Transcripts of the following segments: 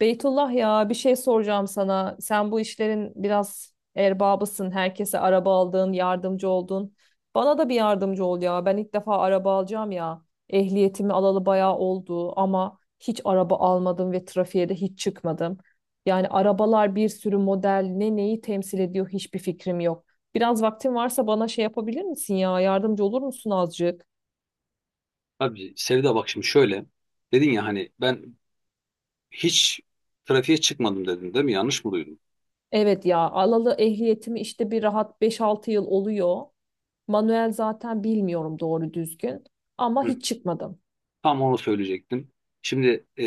Beytullah ya bir şey soracağım sana. Sen bu işlerin biraz erbabısın. Herkese araba aldın, yardımcı oldun. Bana da bir yardımcı ol ya. Ben ilk defa araba alacağım ya. Ehliyetimi alalı bayağı oldu ama hiç araba almadım ve trafiğe de hiç çıkmadım. Yani arabalar bir sürü model neyi temsil ediyor hiçbir fikrim yok. Biraz vaktin varsa bana şey yapabilir misin ya? Yardımcı olur musun azıcık? Abi Sevda, bak şimdi şöyle. Dedin ya hani ben hiç trafiğe çıkmadım dedin değil mi? Yanlış mı duydum? Evet ya alalı ehliyetimi işte bir rahat 5-6 yıl oluyor. Manuel zaten bilmiyorum doğru düzgün ama Hı. hiç çıkmadım. Tam onu söyleyecektim. Şimdi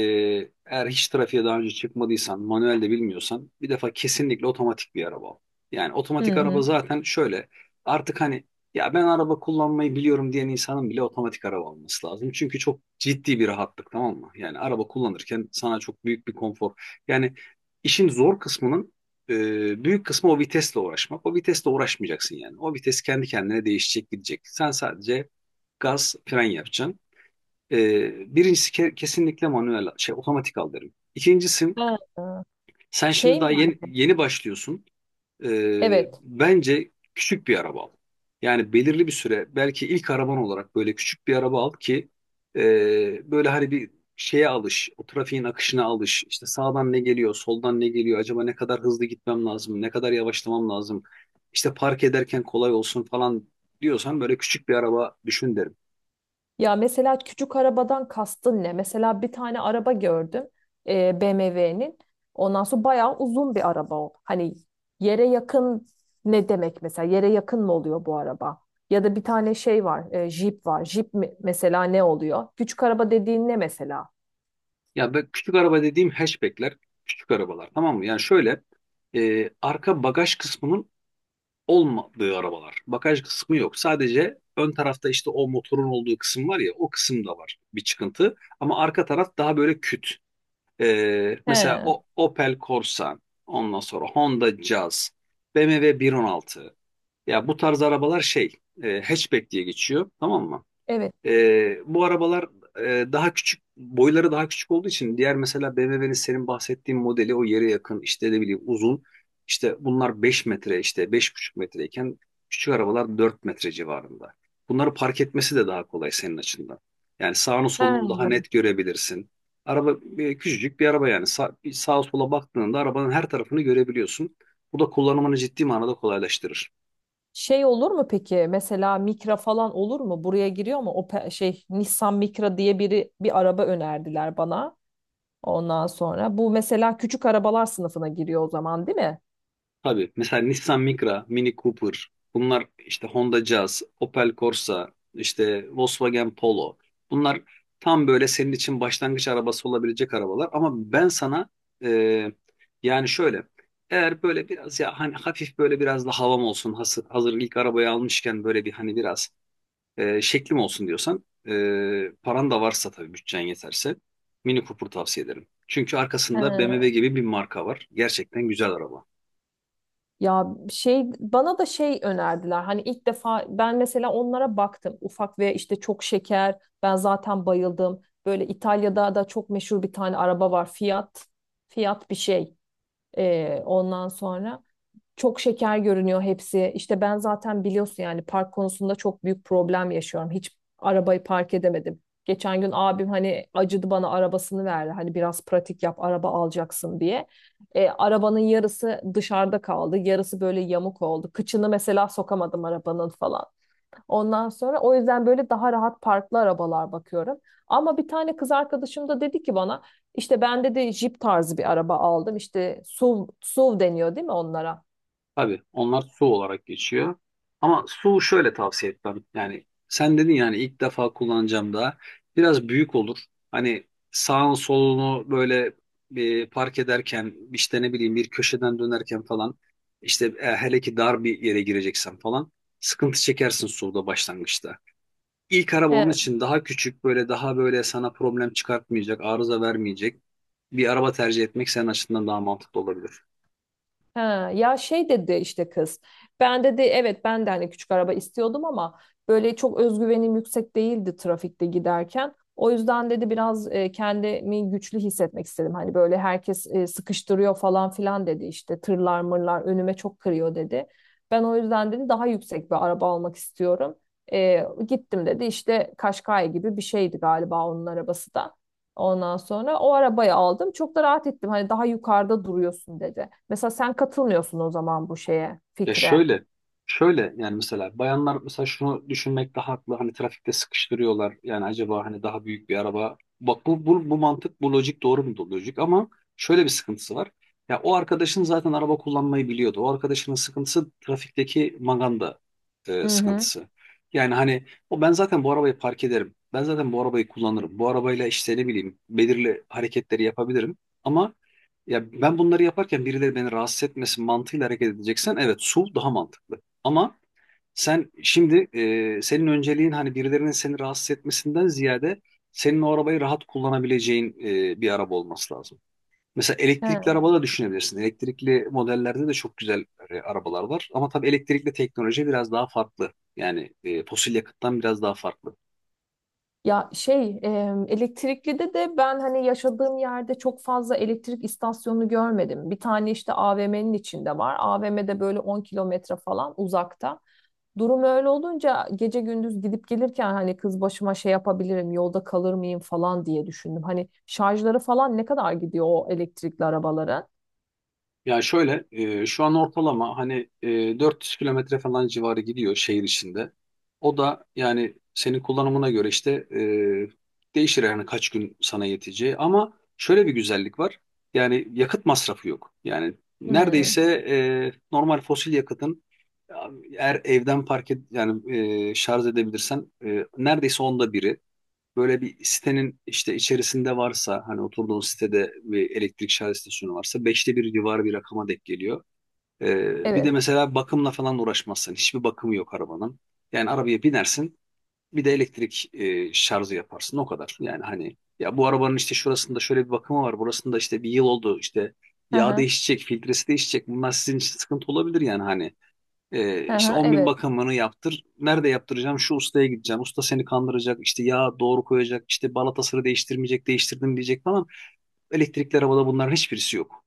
eğer hiç trafiğe daha önce çıkmadıysan, manuel de bilmiyorsan bir defa kesinlikle otomatik bir araba al. Yani otomatik Hı araba hı. zaten şöyle artık hani, ya ben araba kullanmayı biliyorum diyen insanın bile otomatik araba alması lazım. Çünkü çok ciddi bir rahatlık, tamam mı? Yani araba kullanırken sana çok büyük bir konfor. Yani işin zor kısmının büyük kısmı o vitesle uğraşmak. O vitesle uğraşmayacaksın yani. O vites kendi kendine değişecek, gidecek. Sen sadece gaz, fren yapacaksın. Birincisi, kesinlikle manuel şey otomatik al derim. İkincisi, Ha. sen şimdi Şey daha mi? yeni başlıyorsun. Evet. Bence küçük bir araba al. Yani belirli bir süre belki ilk araban olarak böyle küçük bir araba al ki böyle hani bir şeye alış, o trafiğin akışına alış. İşte sağdan ne geliyor, soldan ne geliyor, acaba ne kadar hızlı gitmem lazım, ne kadar yavaşlamam lazım. İşte park ederken kolay olsun falan diyorsan böyle küçük bir araba düşün derim. Ya mesela küçük arabadan kastın ne? Mesela bir tane araba gördüm. BMW'nin. Ondan sonra bayağı uzun bir araba o. Hani yere yakın ne demek mesela? Yere yakın mı oluyor bu araba? Ya da bir tane şey var, jip var. Mesela ne oluyor? Küçük araba dediğin ne mesela? Ya ben küçük araba dediğim hatchbackler, küçük arabalar, tamam mı? Yani şöyle arka bagaj kısmının olmadığı arabalar. Bagaj kısmı yok. Sadece ön tarafta işte o motorun olduğu kısım var ya, o kısımda var bir çıkıntı. Ama arka taraf daha böyle küt. Mesela He, o Opel Corsa, ondan sonra Honda Jazz, BMW 116. Ya bu tarz arabalar şey, hatchback diye geçiyor, tamam mı? evet. Bu arabalar daha küçük, boyları daha küçük olduğu için; diğer, mesela BMW'nin senin bahsettiğin modeli o yere yakın, işte ne bileyim, uzun. İşte bunlar 5 metre, işte 5,5 metreyken küçük arabalar 4 metre civarında. Bunları park etmesi de daha kolay senin açından. Yani sağını solunu daha He. net görebilirsin. Araba, küçücük bir araba yani, bir sağa sola baktığında arabanın her tarafını görebiliyorsun. Bu da kullanımını ciddi manada kolaylaştırır. Şey olur mu peki? Mesela Micra falan olur mu? Buraya giriyor mu? O pe- şey Nissan Micra diye biri bir araba önerdiler bana. Ondan sonra bu mesela küçük arabalar sınıfına giriyor o zaman değil mi? Tabii, mesela Nissan Micra, Mini Cooper, bunlar, işte Honda Jazz, Opel Corsa, işte Volkswagen Polo. Bunlar tam böyle senin için başlangıç arabası olabilecek arabalar ama ben sana e, yani şöyle, eğer böyle biraz, ya hani, hafif böyle biraz da havam olsun, hazır ilk arabayı almışken böyle bir, hani biraz şeklim olsun diyorsan, paran da varsa tabii, bütçen yeterse Mini Cooper tavsiye ederim. Çünkü arkasında BMW Ha, gibi bir marka var. Gerçekten güzel araba. ya şey bana da şey önerdiler. Hani ilk defa ben mesela onlara baktım. Ufak ve işte çok şeker. Ben zaten bayıldım. Böyle İtalya'da da çok meşhur bir tane araba var. Fiat. Fiat bir şey. Ondan sonra. Çok şeker görünüyor hepsi. İşte ben zaten biliyorsun yani park konusunda çok büyük problem yaşıyorum. Hiç arabayı park edemedim. Geçen gün abim hani acıdı bana arabasını verdi. Hani biraz pratik yap araba alacaksın diye. Arabanın yarısı dışarıda kaldı. Yarısı böyle yamuk oldu. Kıçını mesela sokamadım arabanın falan. Ondan sonra o yüzden böyle daha rahat parklı arabalar bakıyorum. Ama bir tane kız arkadaşım da dedi ki bana işte ben dedi Jeep tarzı bir araba aldım. İşte SUV, SUV deniyor değil mi onlara? Tabii, onlar su olarak geçiyor. Ama su şöyle, tavsiye etmem. Yani sen dedin yani ilk defa kullanacağım da, biraz büyük olur. Hani sağın solunu böyle, park ederken işte ne bileyim, bir köşeden dönerken falan, işte hele ki dar bir yere gireceksen falan, sıkıntı çekersin suda başlangıçta. İlk araba, He, onun için daha küçük, böyle daha böyle sana problem çıkartmayacak, arıza vermeyecek bir araba tercih etmek senin açısından daha mantıklı olabilir. ha, ya şey dedi işte kız. Ben dedi evet ben de hani küçük araba istiyordum ama böyle çok özgüvenim yüksek değildi trafikte giderken. O yüzden dedi biraz kendimi güçlü hissetmek istedim. Hani böyle herkes sıkıştırıyor falan filan dedi işte tırlar mırlar önüme çok kırıyor dedi. Ben o yüzden dedi daha yüksek bir araba almak istiyorum. Gittim dedi işte Kaşkay gibi bir şeydi galiba onun arabası da. Ondan sonra o arabayı aldım. Çok da rahat ettim. Hani daha yukarıda duruyorsun dedi. Mesela sen katılmıyorsun o zaman bu şeye, Ya fikre. şöyle, yani mesela bayanlar, mesela şunu düşünmek daha haklı. Hani trafikte sıkıştırıyorlar. Yani acaba hani daha büyük bir araba. Bak, bu mantık, bu lojik doğru mu? Lojik, ama şöyle bir sıkıntısı var. Ya o arkadaşın zaten araba kullanmayı biliyordu. O arkadaşının sıkıntısı trafikteki maganda Hı hı. sıkıntısı. Yani hani, o, ben zaten bu arabayı park ederim. Ben zaten bu arabayı kullanırım. Bu arabayla, işte ne bileyim, belirli hareketleri yapabilirim. Ama ya ben bunları yaparken birileri beni rahatsız etmesin mantığıyla hareket edeceksen, evet, su daha mantıklı. Ama sen şimdi, senin önceliğin hani birilerinin seni rahatsız etmesinden ziyade, senin o arabayı rahat kullanabileceğin bir araba olması lazım. Mesela elektrikli He. araba da düşünebilirsin. Elektrikli modellerde de çok güzel arabalar var. Ama tabii elektrikli teknoloji biraz daha farklı. Yani fosil yakıttan biraz daha farklı. Ya şey elektrikli de ben hani yaşadığım yerde çok fazla elektrik istasyonu görmedim. Bir tane işte AVM'nin içinde var. AVM'de böyle 10 km falan uzakta. Durum öyle olunca gece gündüz gidip gelirken hani kız başıma şey yapabilirim, yolda kalır mıyım falan diye düşündüm. Hani şarjları falan ne kadar gidiyor o elektrikli arabaların? Ya şöyle, şu an ortalama hani 400 kilometre falan civarı gidiyor şehir içinde. O da yani senin kullanımına göre işte değişir yani, kaç gün sana yeteceği. Ama şöyle bir güzellik var. Yani yakıt masrafı yok. Yani Hmm, neredeyse normal fosil yakıtın, eğer evden park et yani, şarj edebilirsen neredeyse onda biri, böyle bir sitenin işte içerisinde varsa, hani oturduğun sitede bir elektrik şarj istasyonu varsa, beşte bir civarı bir rakama denk geliyor. Bir de evet. mesela bakımla falan uğraşmazsın. Hiçbir bakımı yok arabanın. Yani arabaya binersin, bir de elektrik şarjı yaparsın, o kadar. Yani hani, ya bu arabanın işte şurasında şöyle bir bakımı var. Burasında işte bir yıl oldu, işte Hı yağ hı, değişecek, filtresi değişecek. Bunlar sizin için sıkıntı olabilir yani hani. Hı İşte hı, 10 bin evet. bakımını yaptır. Nerede yaptıracağım? Şu ustaya gideceğim. Usta seni kandıracak. İşte yağ doğru koyacak. İşte balatasını değiştirmeyecek. Değiştirdim diyecek falan. Elektrikli arabada bunların hiçbirisi yok.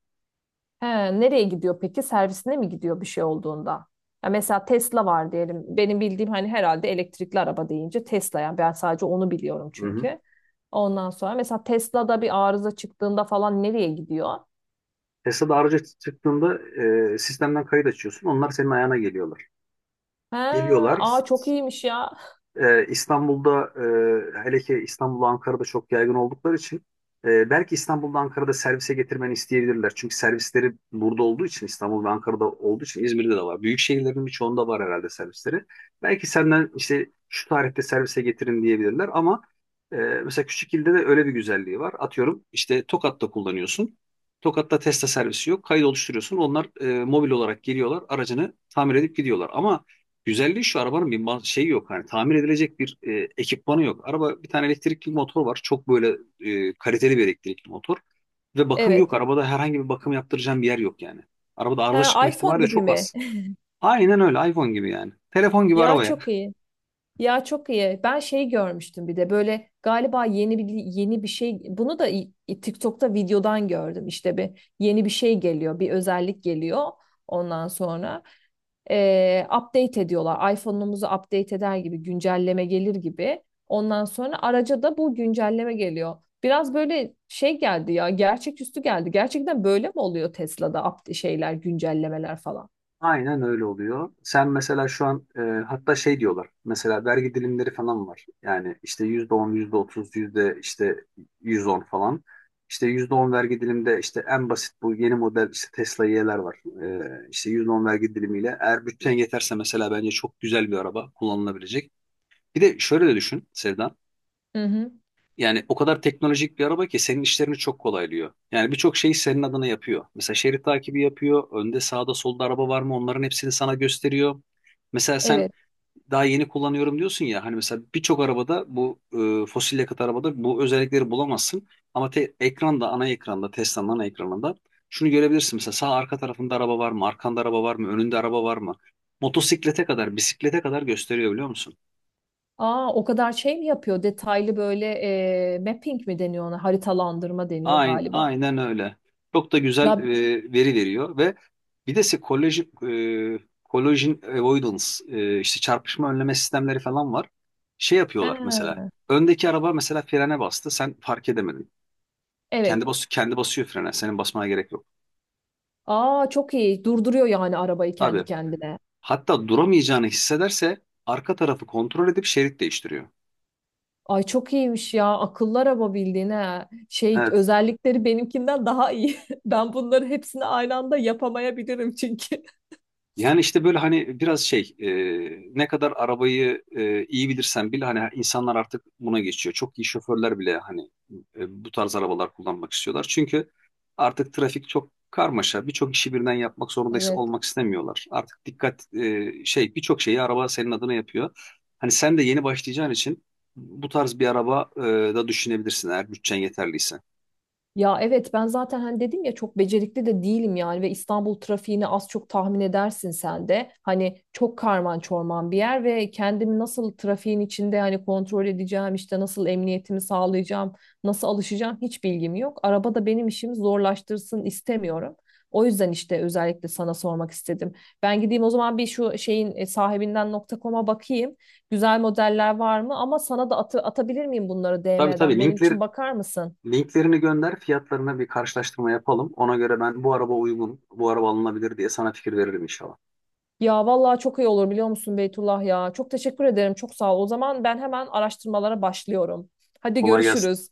He, nereye gidiyor peki? Servisine mi gidiyor bir şey olduğunda? Ya mesela Tesla var diyelim. Benim bildiğim hani herhalde elektrikli araba deyince Tesla yani ben sadece onu biliyorum Hı hı. çünkü. Ondan sonra mesela Tesla'da bir arıza çıktığında falan nereye gidiyor? Tesla'da araca çıktığında, sistemden kayıt açıyorsun. Onlar senin ayağına geliyorlar. He, Geliyorlar. aa çok iyiymiş ya. İstanbul'da, hele ki İstanbul'da, Ankara'da çok yaygın oldukları için, belki İstanbul'da, Ankara'da servise getirmeni isteyebilirler. Çünkü servisleri burada olduğu için, İstanbul ve Ankara'da olduğu için, İzmir'de de var. Büyük şehirlerin birçoğunda var herhalde servisleri. Belki senden işte şu tarihte servise getirin diyebilirler, ama mesela küçük ilde de öyle bir güzelliği var. Atıyorum, işte Tokat'ta kullanıyorsun. Tokat'ta Tesla servisi yok. Kayıt oluşturuyorsun. Onlar mobil olarak geliyorlar. Aracını tamir edip gidiyorlar. Ama güzelliği şu: arabanın bir şeyi yok. Hani tamir edilecek bir ekipmanı yok. Araba, bir tane elektrikli motor var. Çok böyle kaliteli bir elektrikli motor. Ve bakım yok. Evet. Arabada herhangi bir bakım yaptıracağım bir yer yok yani. Arabada He, arıza çıkma iPhone ihtimali de gibi çok mi? az. Aynen öyle. iPhone gibi yani. Telefon gibi Ya arabaya. çok iyi. Ya çok iyi. Ben şey görmüştüm bir de böyle galiba yeni bir şey bunu da TikTok'ta videodan gördüm. İşte bir yeni bir şey geliyor, bir özellik geliyor ondan sonra. Update ediyorlar. iPhone'umuzu update eder gibi güncelleme gelir gibi. Ondan sonra araca da bu güncelleme geliyor. Biraz böyle şey geldi ya, gerçeküstü geldi. Gerçekten böyle mi oluyor Tesla'da şeyler, güncellemeler falan? Aynen öyle oluyor. Sen mesela şu an hatta şey diyorlar. Mesela vergi dilimleri falan var. Yani işte %10, yüzde otuz, yüzde işte 110 falan. İşte %10 vergi dilimde, işte en basit bu yeni model, işte Tesla Y'ler var. İşte yüzde on vergi dilimiyle, eğer bütçen yeterse, mesela bence çok güzel bir araba kullanılabilecek. Bir de şöyle de düşün Sevda. Hı hı. Yani o kadar teknolojik bir araba ki senin işlerini çok kolaylıyor. Yani birçok şeyi senin adına yapıyor. Mesela şerit takibi yapıyor. Önde, sağda, solda araba var mı, onların hepsini sana gösteriyor. Mesela sen Evet. daha yeni kullanıyorum diyorsun ya, hani mesela birçok arabada bu, fosil yakıt arabada bu özellikleri bulamazsın. Ama ekranda, ana ekranda, Tesla'nın ana ekranında şunu görebilirsin: mesela sağ arka tarafında araba var mı? Arkanda araba var mı? Önünde araba var mı? Motosiklete kadar, bisiklete kadar gösteriyor, biliyor musun? Aa, o kadar şey mi yapıyor? Detaylı böyle mapping mi deniyor ona? Haritalandırma deniyor Aynen, galiba. aynen öyle. Çok da güzel Ya, veri veriyor ve bir de size e, collision avoidance, işte çarpışma önleme sistemleri falan var. Şey ha, yapıyorlar mesela. Öndeki araba mesela frene bastı. Sen fark edemedin. evet. Kendi basıyor frene. Senin basmana gerek yok. Aa çok iyi. Durduruyor yani arabayı Tabii. kendi kendine. Hatta duramayacağını hissederse arka tarafı kontrol edip şerit değiştiriyor. Ay çok iyiymiş ya. Akıllı araba bildiğin ha. Şey Evet. özellikleri benimkinden daha iyi. Ben bunları hepsini aynı anda yapamayabilirim çünkü. Yani işte böyle hani biraz şey, ne kadar arabayı iyi bilirsen bil, hani insanlar artık buna geçiyor. Çok iyi şoförler bile hani bu tarz arabalar kullanmak istiyorlar. Çünkü artık trafik çok karmaşa. Birçok işi birden yapmak zorunda Evet. olmak istemiyorlar. Artık dikkat, şey, birçok şeyi araba senin adına yapıyor. Hani sen de yeni başlayacağın için bu tarz bir araba, da düşünebilirsin, eğer bütçen yeterliyse. Ya evet ben zaten hani dedim ya çok becerikli de değilim yani ve İstanbul trafiğini az çok tahmin edersin sen de. Hani çok karman çorman bir yer ve kendimi nasıl trafiğin içinde hani kontrol edeceğim işte nasıl emniyetimi sağlayacağım, nasıl alışacağım hiç bilgim yok. Araba da benim işimi zorlaştırsın istemiyorum. O yüzden işte özellikle sana sormak istedim. Ben gideyim o zaman bir şu şeyin sahibinden.com'a bakayım. Güzel modeller var mı? Ama sana da atabilir miyim bunları Tabii tabii, DM'den? Benim için linkleri bakar mısın? Linklerini gönder, fiyatlarına bir karşılaştırma yapalım. Ona göre ben bu araba uygun, bu araba alınabilir diye sana fikir veririm inşallah. Ya vallahi çok iyi olur biliyor musun Beytullah ya. Çok teşekkür ederim. Çok sağ ol. O zaman ben hemen araştırmalara başlıyorum. Hadi Kolay gelsin. görüşürüz.